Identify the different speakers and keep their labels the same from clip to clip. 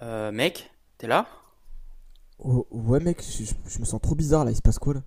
Speaker 1: Mec, t'es là?
Speaker 2: Oh, ouais, mec, me sens trop bizarre là, il se passe quoi là?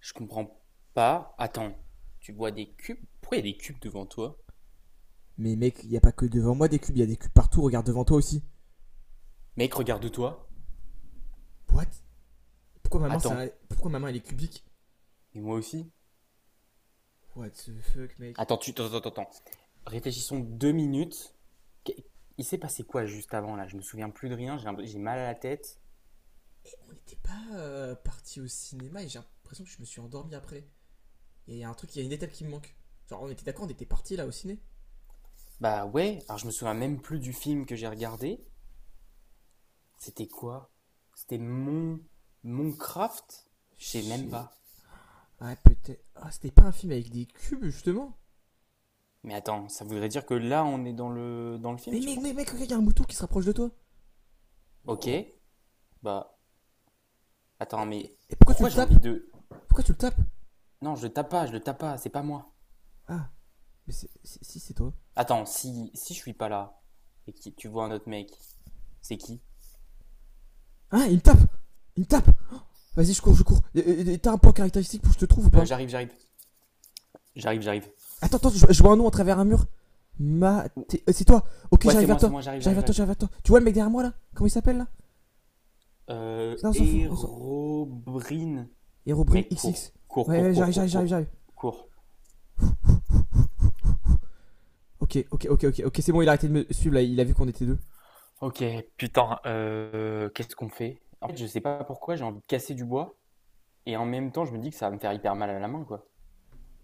Speaker 1: Je comprends pas. Attends, tu vois des cubes? Pourquoi il y a des cubes devant toi?
Speaker 2: Mais mec, y a pas que devant moi des cubes, y a des cubes partout, regarde devant toi aussi.
Speaker 1: Mec, regarde-toi.
Speaker 2: What? Pourquoi maman,
Speaker 1: Attends,
Speaker 2: c'est? Pourquoi maman elle est cubique?
Speaker 1: et moi aussi?
Speaker 2: What the fuck, mec.
Speaker 1: Attends, attends, attends. Réfléchissons deux minutes. Qu- Il s'est passé quoi juste avant là? Je me souviens plus de rien, j'ai mal à la tête.
Speaker 2: On n'était pas parti au cinéma et j'ai l'impression que je me suis endormi après. Il y a un truc, il y a une étape qui me manque. Genre, on était d'accord, on était parti là au ciné?
Speaker 1: Bah ouais, alors je me souviens même plus du film que j'ai regardé. C'était quoi? C'était mon craft. Je sais même
Speaker 2: J'sais...
Speaker 1: pas.
Speaker 2: Ah, peut-être. Ah, c'était pas un film avec des cubes justement?
Speaker 1: Mais attends, ça voudrait dire que là on est dans le film,
Speaker 2: Mais
Speaker 1: tu
Speaker 2: mec, mec,
Speaker 1: penses?
Speaker 2: mec, regarde, il y a un mouton qui se rapproche de toi.
Speaker 1: Ok,
Speaker 2: Wow.
Speaker 1: bah. Attends,
Speaker 2: Et,
Speaker 1: mais
Speaker 2: et- et pourquoi tu le
Speaker 1: pourquoi j'ai
Speaker 2: tapes?
Speaker 1: envie de.
Speaker 2: Pourquoi tu le tapes?
Speaker 1: Non, je le tape pas, je le tape pas, c'est pas moi.
Speaker 2: Ah, mais si si, c'est toi.
Speaker 1: Attends, si je suis pas là et que tu vois un autre mec, c'est qui?
Speaker 2: Hein, il me tape? Il me tape. Oh, vas-y, je cours, je cours. T'as un point caractéristique pour que je te trouve ou pas?
Speaker 1: J'arrive, j'arrive, j'arrive, j'arrive.
Speaker 2: Attends, attends, je vois un nom à travers un mur. Maté... c'est toi? Ok,
Speaker 1: Ouais,
Speaker 2: j'arrive vers
Speaker 1: c'est
Speaker 2: toi.
Speaker 1: moi, j'arrive,
Speaker 2: J'arrive
Speaker 1: j'arrive,
Speaker 2: vers toi,
Speaker 1: j'arrive.
Speaker 2: j'arrive vers toi. Tu vois le mec derrière moi là? Comment il s'appelle là? Non, on s'en fout, on s'en...
Speaker 1: Hérobrine.
Speaker 2: Herobrine
Speaker 1: Mec, cours,
Speaker 2: XX.
Speaker 1: cours,
Speaker 2: Ouais,
Speaker 1: cours,
Speaker 2: ouais,
Speaker 1: cours,
Speaker 2: j'arrive, j'arrive,
Speaker 1: cours,
Speaker 2: j'arrive,
Speaker 1: cours,
Speaker 2: j'arrive.
Speaker 1: cours.
Speaker 2: Ok, ok, ok, ok, ok, c'est bon, il a arrêté de me suivre là, il a vu qu'on était deux.
Speaker 1: Ok, putain, qu'est-ce qu'on fait? En fait, je sais pas pourquoi, j'ai envie de casser du bois et en même temps, je me dis que ça va me faire hyper mal à la main, quoi.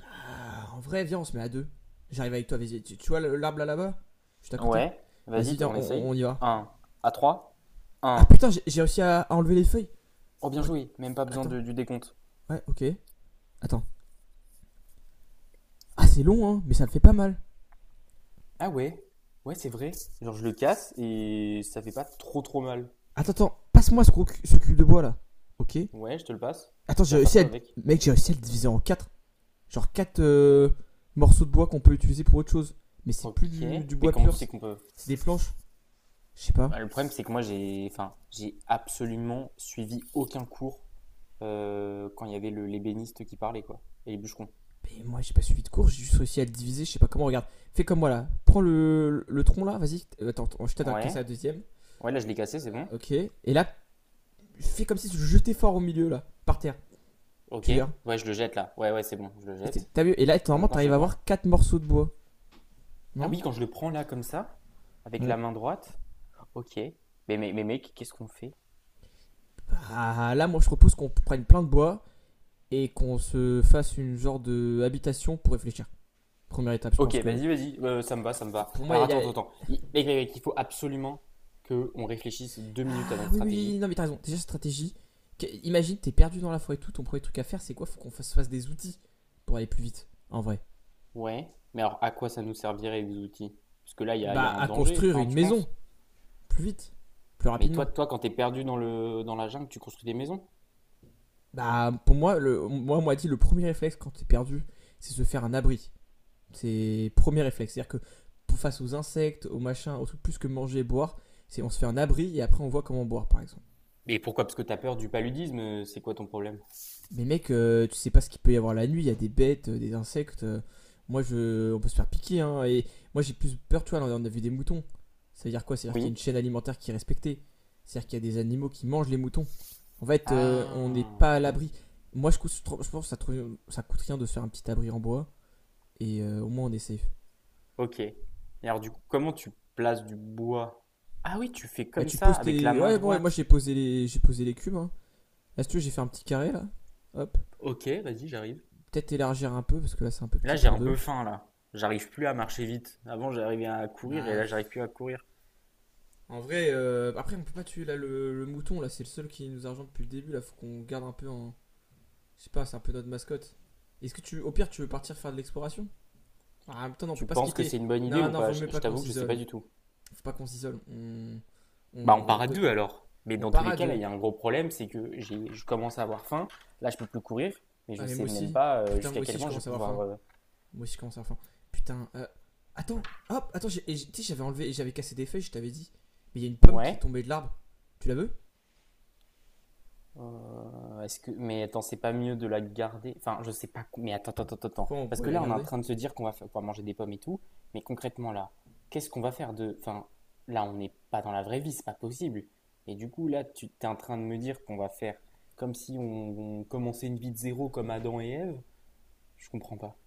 Speaker 2: Ah, en vrai, viens, on se met à deux. J'arrive avec toi, vas-y. Tu vois l'arbre là, là-bas? Juste à côté?
Speaker 1: Ouais, vas-y,
Speaker 2: Vas-y, viens,
Speaker 1: on essaye.
Speaker 2: y va.
Speaker 1: Un à trois
Speaker 2: Ah
Speaker 1: un.
Speaker 2: putain, j'ai réussi à enlever les feuilles.
Speaker 1: Oh, bien
Speaker 2: What?
Speaker 1: joué, même pas besoin
Speaker 2: Attends,
Speaker 1: du décompte.
Speaker 2: ouais, ok. Attends. Ah, c'est long, hein, mais ça me fait pas mal.
Speaker 1: Ah ouais, ouais, c'est vrai. Genre, je le casse et ça fait pas trop trop mal.
Speaker 2: Attends, attends, passe-moi ce cube de bois là. Ok.
Speaker 1: Ouais, je te le passe.
Speaker 2: Attends,
Speaker 1: Tu
Speaker 2: j'ai
Speaker 1: vas faire
Speaker 2: réussi à.
Speaker 1: quoi avec?
Speaker 2: Mec, j'ai réussi à le diviser en 4, genre 4 morceaux de bois qu'on peut utiliser pour autre chose. Mais c'est plus
Speaker 1: Ok,
Speaker 2: du
Speaker 1: mais
Speaker 2: bois
Speaker 1: comment tu
Speaker 2: pur.
Speaker 1: sais qu'on peut?
Speaker 2: Des planches. Je sais
Speaker 1: Bah,
Speaker 2: pas.
Speaker 1: le problème, c'est que moi, enfin, j'ai absolument suivi aucun cours quand il y avait l'ébéniste qui parlait, quoi, et les bûcherons.
Speaker 2: Mais moi, j'ai pas suivi de cours, j'ai juste réussi à le diviser. Je sais pas comment, regarde. Fais comme moi là. Prends le tronc là, vas-y. Attends, attends, je t'aide à casser
Speaker 1: Ouais,
Speaker 2: la deuxième.
Speaker 1: ouais, là, je l'ai cassé, c'est bon.
Speaker 2: Ok. Et là, fais comme si tu jetais fort au milieu là, par terre.
Speaker 1: Ok,
Speaker 2: Tu verras.
Speaker 1: ouais, je le jette là. Ouais, ouais, c'est bon, je le
Speaker 2: Et,
Speaker 1: jette.
Speaker 2: vu. Et là,
Speaker 1: Et
Speaker 2: normalement,
Speaker 1: maintenant, je
Speaker 2: t'arrives
Speaker 1: fais
Speaker 2: à
Speaker 1: quoi?
Speaker 2: avoir 4 morceaux de bois.
Speaker 1: Ah
Speaker 2: Non.
Speaker 1: oui, quand je le prends là, comme ça, avec
Speaker 2: Ouais.
Speaker 1: la main droite. Ok, mais mec, qu'est-ce qu'on fait?
Speaker 2: Bah, là, moi, je propose qu'on prenne plein de bois et qu'on se fasse une genre de habitation pour réfléchir. Première étape, je
Speaker 1: Ok,
Speaker 2: pense que.
Speaker 1: vas-y, vas-y, ça me va, ça me va.
Speaker 2: Pour moi,
Speaker 1: Alors
Speaker 2: il y
Speaker 1: attends,
Speaker 2: a.
Speaker 1: attends, attends. Mec, mec, mec, il faut absolument que on réfléchisse deux minutes à
Speaker 2: Ah
Speaker 1: notre
Speaker 2: oui, oui,
Speaker 1: stratégie.
Speaker 2: oui, non, mais t'as raison. Déjà, stratégie. Imagine, t'es perdu dans la forêt et tout. Ton premier truc à faire, c'est quoi? Faut qu'on fasse des outils pour aller plus vite, en vrai.
Speaker 1: Ouais, mais alors à quoi ça nous servirait les outils? Parce que là, il y a
Speaker 2: Bah,
Speaker 1: un
Speaker 2: à
Speaker 1: danger,
Speaker 2: construire
Speaker 1: enfin,
Speaker 2: une
Speaker 1: tu
Speaker 2: maison,
Speaker 1: penses?
Speaker 2: plus vite, plus
Speaker 1: Mais toi,
Speaker 2: rapidement.
Speaker 1: toi, quand t'es perdu dans la jungle, tu construis des maisons?
Speaker 2: Bah, pour moi, moi, on m'a dit, le premier réflexe quand t'es perdu, c'est se faire un abri. C'est premier réflexe. C'est-à-dire que face aux insectes, aux machins, aux trucs plus que manger et boire, c'est on se fait un abri et après on voit comment boire, par exemple.
Speaker 1: Mais pourquoi? Parce que t'as peur du paludisme, c'est quoi ton problème?
Speaker 2: Mais mec, tu sais pas ce qu'il peut y avoir la nuit. Il y a des bêtes, des insectes. Moi, je, on peut se faire piquer. Hein, et moi, j'ai plus peur, tu vois. Là, on a vu des moutons. Ça veut dire quoi? C'est-à-dire qu'il y a
Speaker 1: Oui.
Speaker 2: une chaîne alimentaire qui est respectée. C'est-à-dire qu'il y a des animaux qui mangent les moutons. En fait, on n'est
Speaker 1: Ah,
Speaker 2: pas à l'abri. Moi, je pense que ça coûte rien de se faire un petit abri en bois. Et au moins, on est safe.
Speaker 1: ok. Et alors du coup, comment tu places du bois? Ah oui, tu fais
Speaker 2: Bah
Speaker 1: comme
Speaker 2: tu
Speaker 1: ça,
Speaker 2: poses
Speaker 1: avec la
Speaker 2: tes.
Speaker 1: main
Speaker 2: Ouais bon ouais, moi
Speaker 1: droite.
Speaker 2: j'ai posé les. J'ai posé les cubes, hein. Là si tu veux j'ai fait un petit carré là. Hop.
Speaker 1: Ok, vas-y, j'arrive.
Speaker 2: Peut-être élargir un peu parce que là c'est un peu
Speaker 1: Là,
Speaker 2: petit
Speaker 1: j'ai
Speaker 2: pour
Speaker 1: un
Speaker 2: deux.
Speaker 1: peu faim, là. J'arrive plus à marcher vite. Avant, j'arrivais à courir et
Speaker 2: Bah
Speaker 1: là, j'arrive plus à courir.
Speaker 2: en vrai après on peut pas tuer là le mouton là, c'est le seul qui nous argent depuis le début là, faut qu'on garde un peu en. Je sais pas, c'est un peu notre mascotte. Est-ce que tu au pire tu veux partir faire de l'exploration? En même temps non, on peut
Speaker 1: Tu
Speaker 2: pas se
Speaker 1: penses que c'est
Speaker 2: quitter.
Speaker 1: une bonne idée
Speaker 2: Non
Speaker 1: ou
Speaker 2: non
Speaker 1: pas?
Speaker 2: vaut
Speaker 1: Je,
Speaker 2: mieux
Speaker 1: je
Speaker 2: pas qu'on
Speaker 1: t'avoue que je sais pas
Speaker 2: s'isole.
Speaker 1: du tout.
Speaker 2: Faut pas qu'on s'isole.
Speaker 1: Bah, on
Speaker 2: On... On,
Speaker 1: part à
Speaker 2: conna-
Speaker 1: deux alors. Mais
Speaker 2: on
Speaker 1: dans tous
Speaker 2: part
Speaker 1: les
Speaker 2: à
Speaker 1: cas, là,
Speaker 2: deux.
Speaker 1: il y a un gros problème, c'est que je commence à avoir faim. Là, je peux plus courir, mais je
Speaker 2: Ah mais moi
Speaker 1: sais même
Speaker 2: aussi.
Speaker 1: pas
Speaker 2: Putain moi
Speaker 1: jusqu'à quel
Speaker 2: aussi je
Speaker 1: point je vais
Speaker 2: commence à avoir
Speaker 1: pouvoir.
Speaker 2: faim. Moi aussi, je commence à la fin. Putain, attends, hop, attends, tu sais, j'avais enlevé, j'avais cassé des feuilles, je t'avais dit. Mais il y a une pomme qui est
Speaker 1: Ouais.
Speaker 2: tombée de l'arbre. Tu la veux?
Speaker 1: Euh, mais attends, c'est pas mieux de la garder? Enfin, je sais pas. Mais attends, attends, attends, attends.
Speaker 2: Pourquoi on
Speaker 1: Parce
Speaker 2: pourrait
Speaker 1: que
Speaker 2: la
Speaker 1: là, on est en
Speaker 2: garder?
Speaker 1: train de se dire qu'on va manger des pommes et tout. Mais concrètement, là, qu'est-ce qu'on va faire de. Enfin, là, on n'est pas dans la vraie vie, c'est pas possible. Et du coup, là, tu t'es en train de me dire qu'on va faire comme si on commençait une vie de zéro comme Adam et Ève? Je comprends pas.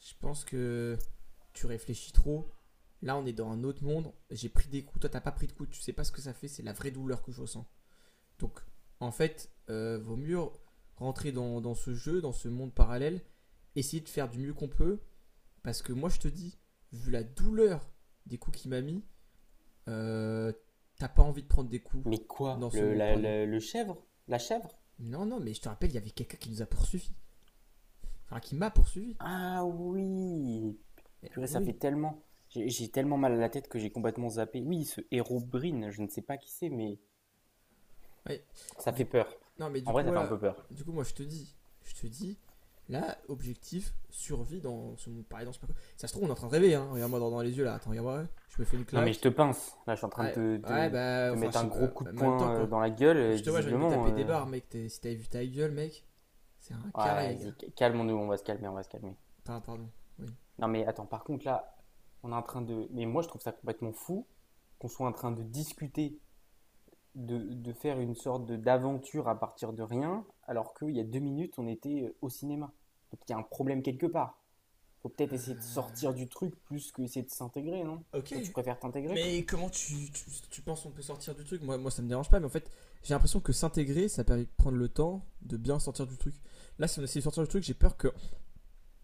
Speaker 2: Je pense que tu réfléchis trop. Là, on est dans un autre monde. J'ai pris des coups, toi, t'as pas pris de coups, tu sais pas ce que ça fait, c'est la vraie douleur que je ressens. Donc, en fait, vaut mieux rentrer dans ce jeu, dans ce monde parallèle, essayer de faire du mieux qu'on peut. Parce que moi, je te dis, vu la douleur des coups qu'il m'a mis, euh, t'as pas envie de prendre des coups
Speaker 1: Mais quoi?
Speaker 2: dans ce
Speaker 1: Le,
Speaker 2: monde
Speaker 1: la-
Speaker 2: parallèle.
Speaker 1: le, le chèvre? La chèvre?
Speaker 2: Non, non, mais je te rappelle, il y avait quelqu'un qui nous a poursuivi. Enfin, qui m'a poursuivi.
Speaker 1: Ah oui!
Speaker 2: Et,
Speaker 1: Purée,
Speaker 2: et
Speaker 1: ça fait
Speaker 2: oui.
Speaker 1: tellement. J'ai tellement mal à la tête que j'ai complètement zappé. Oui, ce héros Brin, je ne sais pas qui c'est, mais.
Speaker 2: Ouais.
Speaker 1: Ça
Speaker 2: Du
Speaker 1: fait
Speaker 2: coup,
Speaker 1: peur.
Speaker 2: non, mais du
Speaker 1: En vrai,
Speaker 2: coup,
Speaker 1: ça fait un peu
Speaker 2: voilà.
Speaker 1: peur.
Speaker 2: Du coup, moi, je te dis, là, objectif, survie dans ce monde parallèle, dans ce parcours. Ça se trouve, on est en train de rêver, hein. Regarde-moi dans les yeux, là. Attends, regarde-moi. Ouais. Je me fais une
Speaker 1: Non, mais je
Speaker 2: claque.
Speaker 1: te pince. Là, je suis en train
Speaker 2: Ah,
Speaker 1: de
Speaker 2: ouais, bah,
Speaker 1: te
Speaker 2: enfin, je
Speaker 1: mettre
Speaker 2: sais
Speaker 1: un gros
Speaker 2: pas.
Speaker 1: coup de
Speaker 2: En même temps,
Speaker 1: poing
Speaker 2: quoi.
Speaker 1: dans la gueule,
Speaker 2: Quand je te vois, j'ai envie de me
Speaker 1: visiblement.
Speaker 2: taper des barres, mec. Si t'avais vu ta gueule, mec, c'est un
Speaker 1: Ouais,
Speaker 2: carré, gars.
Speaker 1: vas-y, calmons-nous, on va se calmer, on va se calmer.
Speaker 2: Enfin, pardon. Oui.
Speaker 1: Non, mais attends, par contre, là, on est en train de. Mais moi, je trouve ça complètement fou qu'on soit en train de discuter, de faire une sorte d'aventure à partir de rien, alors qu'il y a deux minutes, on était au cinéma. Donc, il y a un problème quelque part. Faut peut-être essayer de
Speaker 2: Euh,
Speaker 1: sortir du truc plus que essayer de s'intégrer, non?
Speaker 2: ok.
Speaker 1: Toi, tu préfères t'intégrer?
Speaker 2: Mais comment tu penses qu'on peut sortir du truc? Moi, ça me dérange pas, mais en fait, j'ai l'impression que s'intégrer, ça permet de prendre le temps de bien sortir du truc. Là, si on essaie de sortir du truc, j'ai peur que.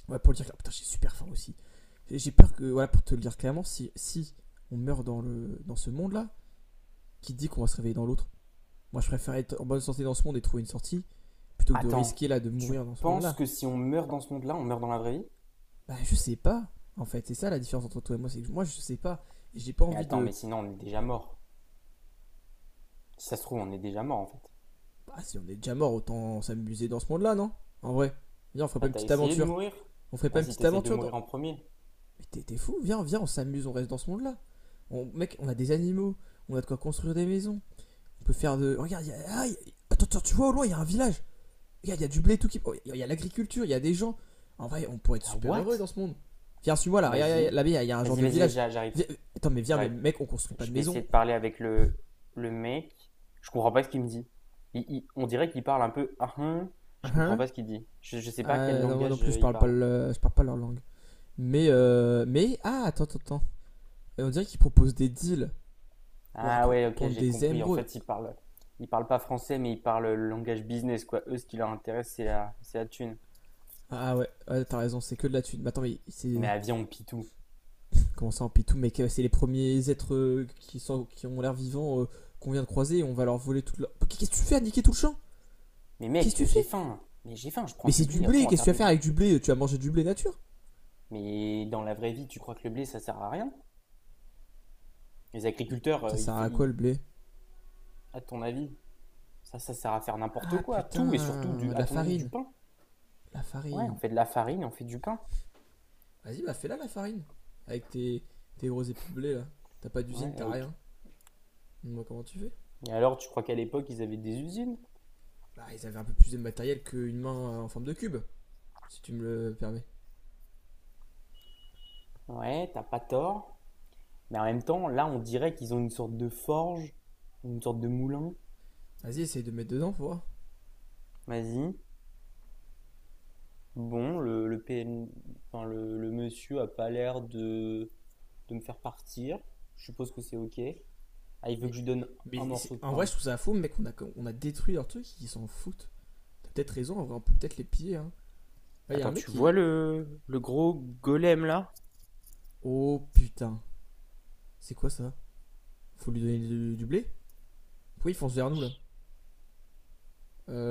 Speaker 2: Ouais, pour le dire, oh, putain, j'ai super faim aussi. Et j'ai peur que, voilà, pour te le dire clairement, si on meurt dans ce monde-là, qui dit qu'on va se réveiller dans l'autre? Moi, je préfère être en bonne santé dans ce monde et trouver une sortie, plutôt que de
Speaker 1: Attends,
Speaker 2: risquer là de
Speaker 1: tu
Speaker 2: mourir dans ce
Speaker 1: penses
Speaker 2: monde-là.
Speaker 1: que si on meurt dans ce monde-là, on meurt dans la vraie vie?
Speaker 2: Bah, je sais pas, en fait. C'est ça la différence entre toi et moi, c'est que moi, je sais pas. Et j'ai pas
Speaker 1: Mais
Speaker 2: envie
Speaker 1: attends,
Speaker 2: de.
Speaker 1: mais sinon on est déjà mort. Si ça se trouve, on est déjà mort en fait.
Speaker 2: Ah, si on est déjà mort, autant s'amuser dans ce monde-là, non? En vrai. Viens, on ferait pas
Speaker 1: Bah
Speaker 2: une
Speaker 1: t'as
Speaker 2: petite
Speaker 1: essayé de
Speaker 2: aventure.
Speaker 1: mourir?
Speaker 2: On ferait pas une
Speaker 1: Vas-y,
Speaker 2: petite
Speaker 1: t'essayes de
Speaker 2: aventure dans.
Speaker 1: mourir en premier.
Speaker 2: Mais t'es- fou, viens, viens, on s'amuse, on reste dans ce monde-là. On... Mec, on a des animaux, on a de quoi construire des maisons. On peut faire de. Regarde, il y a. Attends, attends, tu vois au loin, il y a un village. Regarde, il y a du blé, tout qui. Oh, L'agriculture, il y a des gens. En vrai, on pourrait être
Speaker 1: Ah
Speaker 2: super heureux
Speaker 1: what?
Speaker 2: dans ce monde. Viens, suis-moi là, regarde,
Speaker 1: Vas-y.
Speaker 2: là-bas, il y a un genre
Speaker 1: Vas-y,
Speaker 2: de
Speaker 1: vas-y, vas-y,
Speaker 2: village.
Speaker 1: j'arrive,
Speaker 2: Attends, mais viens, mais
Speaker 1: j'arrive.
Speaker 2: mec, on construit pas
Speaker 1: Je
Speaker 2: de
Speaker 1: vais essayer
Speaker 2: maison.
Speaker 1: de parler avec le mec. Je comprends pas ce qu'il me dit. On dirait qu'il parle un peu. Ah.
Speaker 2: Hein
Speaker 1: Je comprends
Speaker 2: hein.
Speaker 1: pas ce qu'il dit. Je sais pas quel
Speaker 2: Ah, non, moi non
Speaker 1: langage
Speaker 2: plus, je
Speaker 1: il
Speaker 2: parle pas,
Speaker 1: parle.
Speaker 2: je parle pas leur langue. Mais, ah, attends, attends, attends. Et on dirait qu'ils proposent des deals? Ouah,
Speaker 1: Ah ouais, ok,
Speaker 2: contre
Speaker 1: j'ai
Speaker 2: des
Speaker 1: compris. En
Speaker 2: émeraudes.
Speaker 1: fait, ils parlent pas français, mais ils parlent le langage business, quoi. Eux, ce qui leur intéresse, c'est la thune.
Speaker 2: Ah ouais, ouais, t'as raison, c'est que de la thune. Mais attends, mais
Speaker 1: Mais
Speaker 2: c'est.
Speaker 1: à viande pitou.
Speaker 2: Comment ça, en pitou? Mais c'est les premiers êtres qui ont l'air vivants, qu'on vient de croiser et on va leur voler toute leur. Qu'est-ce que tu fais à niquer tout le champ?
Speaker 1: Mais
Speaker 2: Qu'est-ce que
Speaker 1: mec,
Speaker 2: tu
Speaker 1: j'ai
Speaker 2: fais?
Speaker 1: faim. Mais j'ai faim, je
Speaker 2: Mais
Speaker 1: prends du
Speaker 2: c'est du
Speaker 1: blé, après
Speaker 2: blé,
Speaker 1: on va
Speaker 2: qu'est-ce que
Speaker 1: faire
Speaker 2: tu vas
Speaker 1: des.
Speaker 2: faire avec du blé? Tu vas manger du blé nature?
Speaker 1: Mais dans la vraie vie, tu crois que le blé, ça sert à rien? Les agriculteurs,
Speaker 2: Ça sert à quoi le blé?
Speaker 1: à ton avis, ça sert à faire n'importe
Speaker 2: Ah
Speaker 1: quoi, tout, et surtout,
Speaker 2: putain, de
Speaker 1: à
Speaker 2: la
Speaker 1: ton avis, du
Speaker 2: farine.
Speaker 1: pain.
Speaker 2: La
Speaker 1: Ouais, on
Speaker 2: farine.
Speaker 1: fait de la farine, et on fait du pain.
Speaker 2: Vas-y, bah fais-la la farine. Avec tes gros épis de blé là. T'as pas
Speaker 1: Ouais,
Speaker 2: d'usine, t'as
Speaker 1: ok.
Speaker 2: rien. Moi, comment tu fais?
Speaker 1: Et alors, tu crois qu'à l'époque, ils avaient des usines?
Speaker 2: Bah, ils avaient un peu plus de matériel qu'une main en forme de cube, si tu me le permets.
Speaker 1: Ouais, t'as pas tort. Mais en même temps, là, on dirait qu'ils ont une sorte de forge, une sorte de moulin.
Speaker 2: Vas-y, essaye de mettre dedans, faut voir.
Speaker 1: Vas-y. Bon, PN... enfin, le monsieur a pas l'air de, me faire partir. Je suppose que c'est OK. Ah, il veut que
Speaker 2: Mais,
Speaker 1: je lui donne un
Speaker 2: mais
Speaker 1: morceau de
Speaker 2: en vrai,
Speaker 1: pain.
Speaker 2: je trouve ça fou, mec, on a détruit leur truc, ils s'en foutent. T'as peut-être raison, en vrai, on peut peut-être les piller. Hein. Là, il y a un
Speaker 1: Attends,
Speaker 2: mec
Speaker 1: tu vois
Speaker 2: qui.
Speaker 1: le gros golem là?
Speaker 2: Oh putain, c'est quoi ça? Faut lui donner du blé? Pourquoi il fonce vers nous là?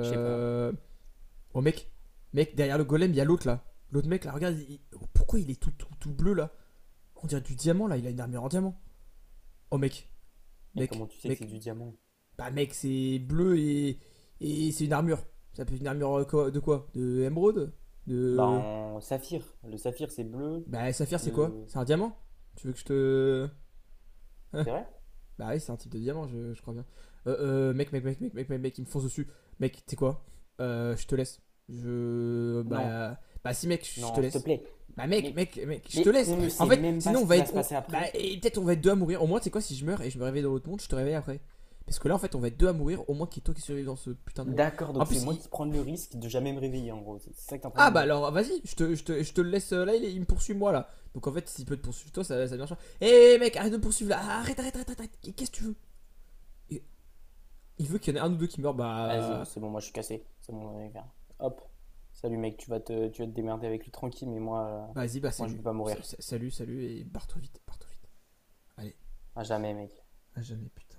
Speaker 1: Je sais pas.
Speaker 2: Oh mec, mec, derrière le golem, il y a l'autre là. L'autre mec là, regarde, oh, pourquoi il est tout, tout, tout bleu là? On dirait du diamant là, il a une armure en diamant. Oh mec,
Speaker 1: Mais comment
Speaker 2: mec,
Speaker 1: tu sais que c'est
Speaker 2: mec.
Speaker 1: du diamant?
Speaker 2: Bah mec, c'est bleu et c'est une armure. Ça peut être une armure de quoi? De émeraude?
Speaker 1: Bah,
Speaker 2: De...
Speaker 1: en saphir. Le saphir, c'est bleu.
Speaker 2: Bah saphir c'est quoi?
Speaker 1: Le...
Speaker 2: C'est un diamant? Tu veux que je te... hein?
Speaker 1: C'est vrai?
Speaker 2: Bah oui, c'est un type de diamant, je crois bien. Mec, mec, mec, mec, mec, mec, mec, il me fonce dessus. Mec, tu sais quoi? Je te laisse. Je.
Speaker 1: Non,
Speaker 2: Bah. Bah si, mec, je te
Speaker 1: non, s'il te
Speaker 2: laisse.
Speaker 1: plaît.
Speaker 2: Bah mec,
Speaker 1: Mais,
Speaker 2: mec, mec, je te
Speaker 1: mais
Speaker 2: laisse.
Speaker 1: on ne
Speaker 2: En
Speaker 1: sait
Speaker 2: fait,
Speaker 1: même pas
Speaker 2: sinon
Speaker 1: ce
Speaker 2: on
Speaker 1: qui
Speaker 2: va
Speaker 1: va se
Speaker 2: être.
Speaker 1: passer
Speaker 2: Bah,
Speaker 1: après.
Speaker 2: et peut-être on va être deux à mourir. Au moins, tu sais quoi, si je meurs et je me réveille dans l'autre monde, je te réveille après. Parce que là, en fait, on va être deux à mourir. Au moins, qu'il y ait toi qui survives dans ce putain de monde.
Speaker 1: D'accord,
Speaker 2: En
Speaker 1: donc c'est
Speaker 2: plus,
Speaker 1: moi
Speaker 2: il.
Speaker 1: qui prends le risque de jamais me réveiller en gros. C'est ça que t'es en train de
Speaker 2: Ah
Speaker 1: me
Speaker 2: bah
Speaker 1: dire.
Speaker 2: alors, vas-y, je te le laisse, là, il me poursuit moi là. Donc en fait, s'il peut te poursuivre toi, ça marche. Eh hey mec, arrête de me poursuivre là. Arrête, arrête, arrête, arrête. Qu'est-ce que tu veux? Il veut qu'il y en ait un ou deux qui meurent,
Speaker 1: Vas-y, ouais,
Speaker 2: bah,
Speaker 1: c'est bon, moi je suis cassé. C'est bon, Hop. Salut mec, tu vas te démerder avec lui tranquille, mais euh,
Speaker 2: bah vas-y, bah
Speaker 1: moi je
Speaker 2: salut,
Speaker 1: veux pas mourir.
Speaker 2: salut, salut, et barre-toi vite, barre-toi vite. Allez,
Speaker 1: À jamais, mec.
Speaker 2: à jamais, putain.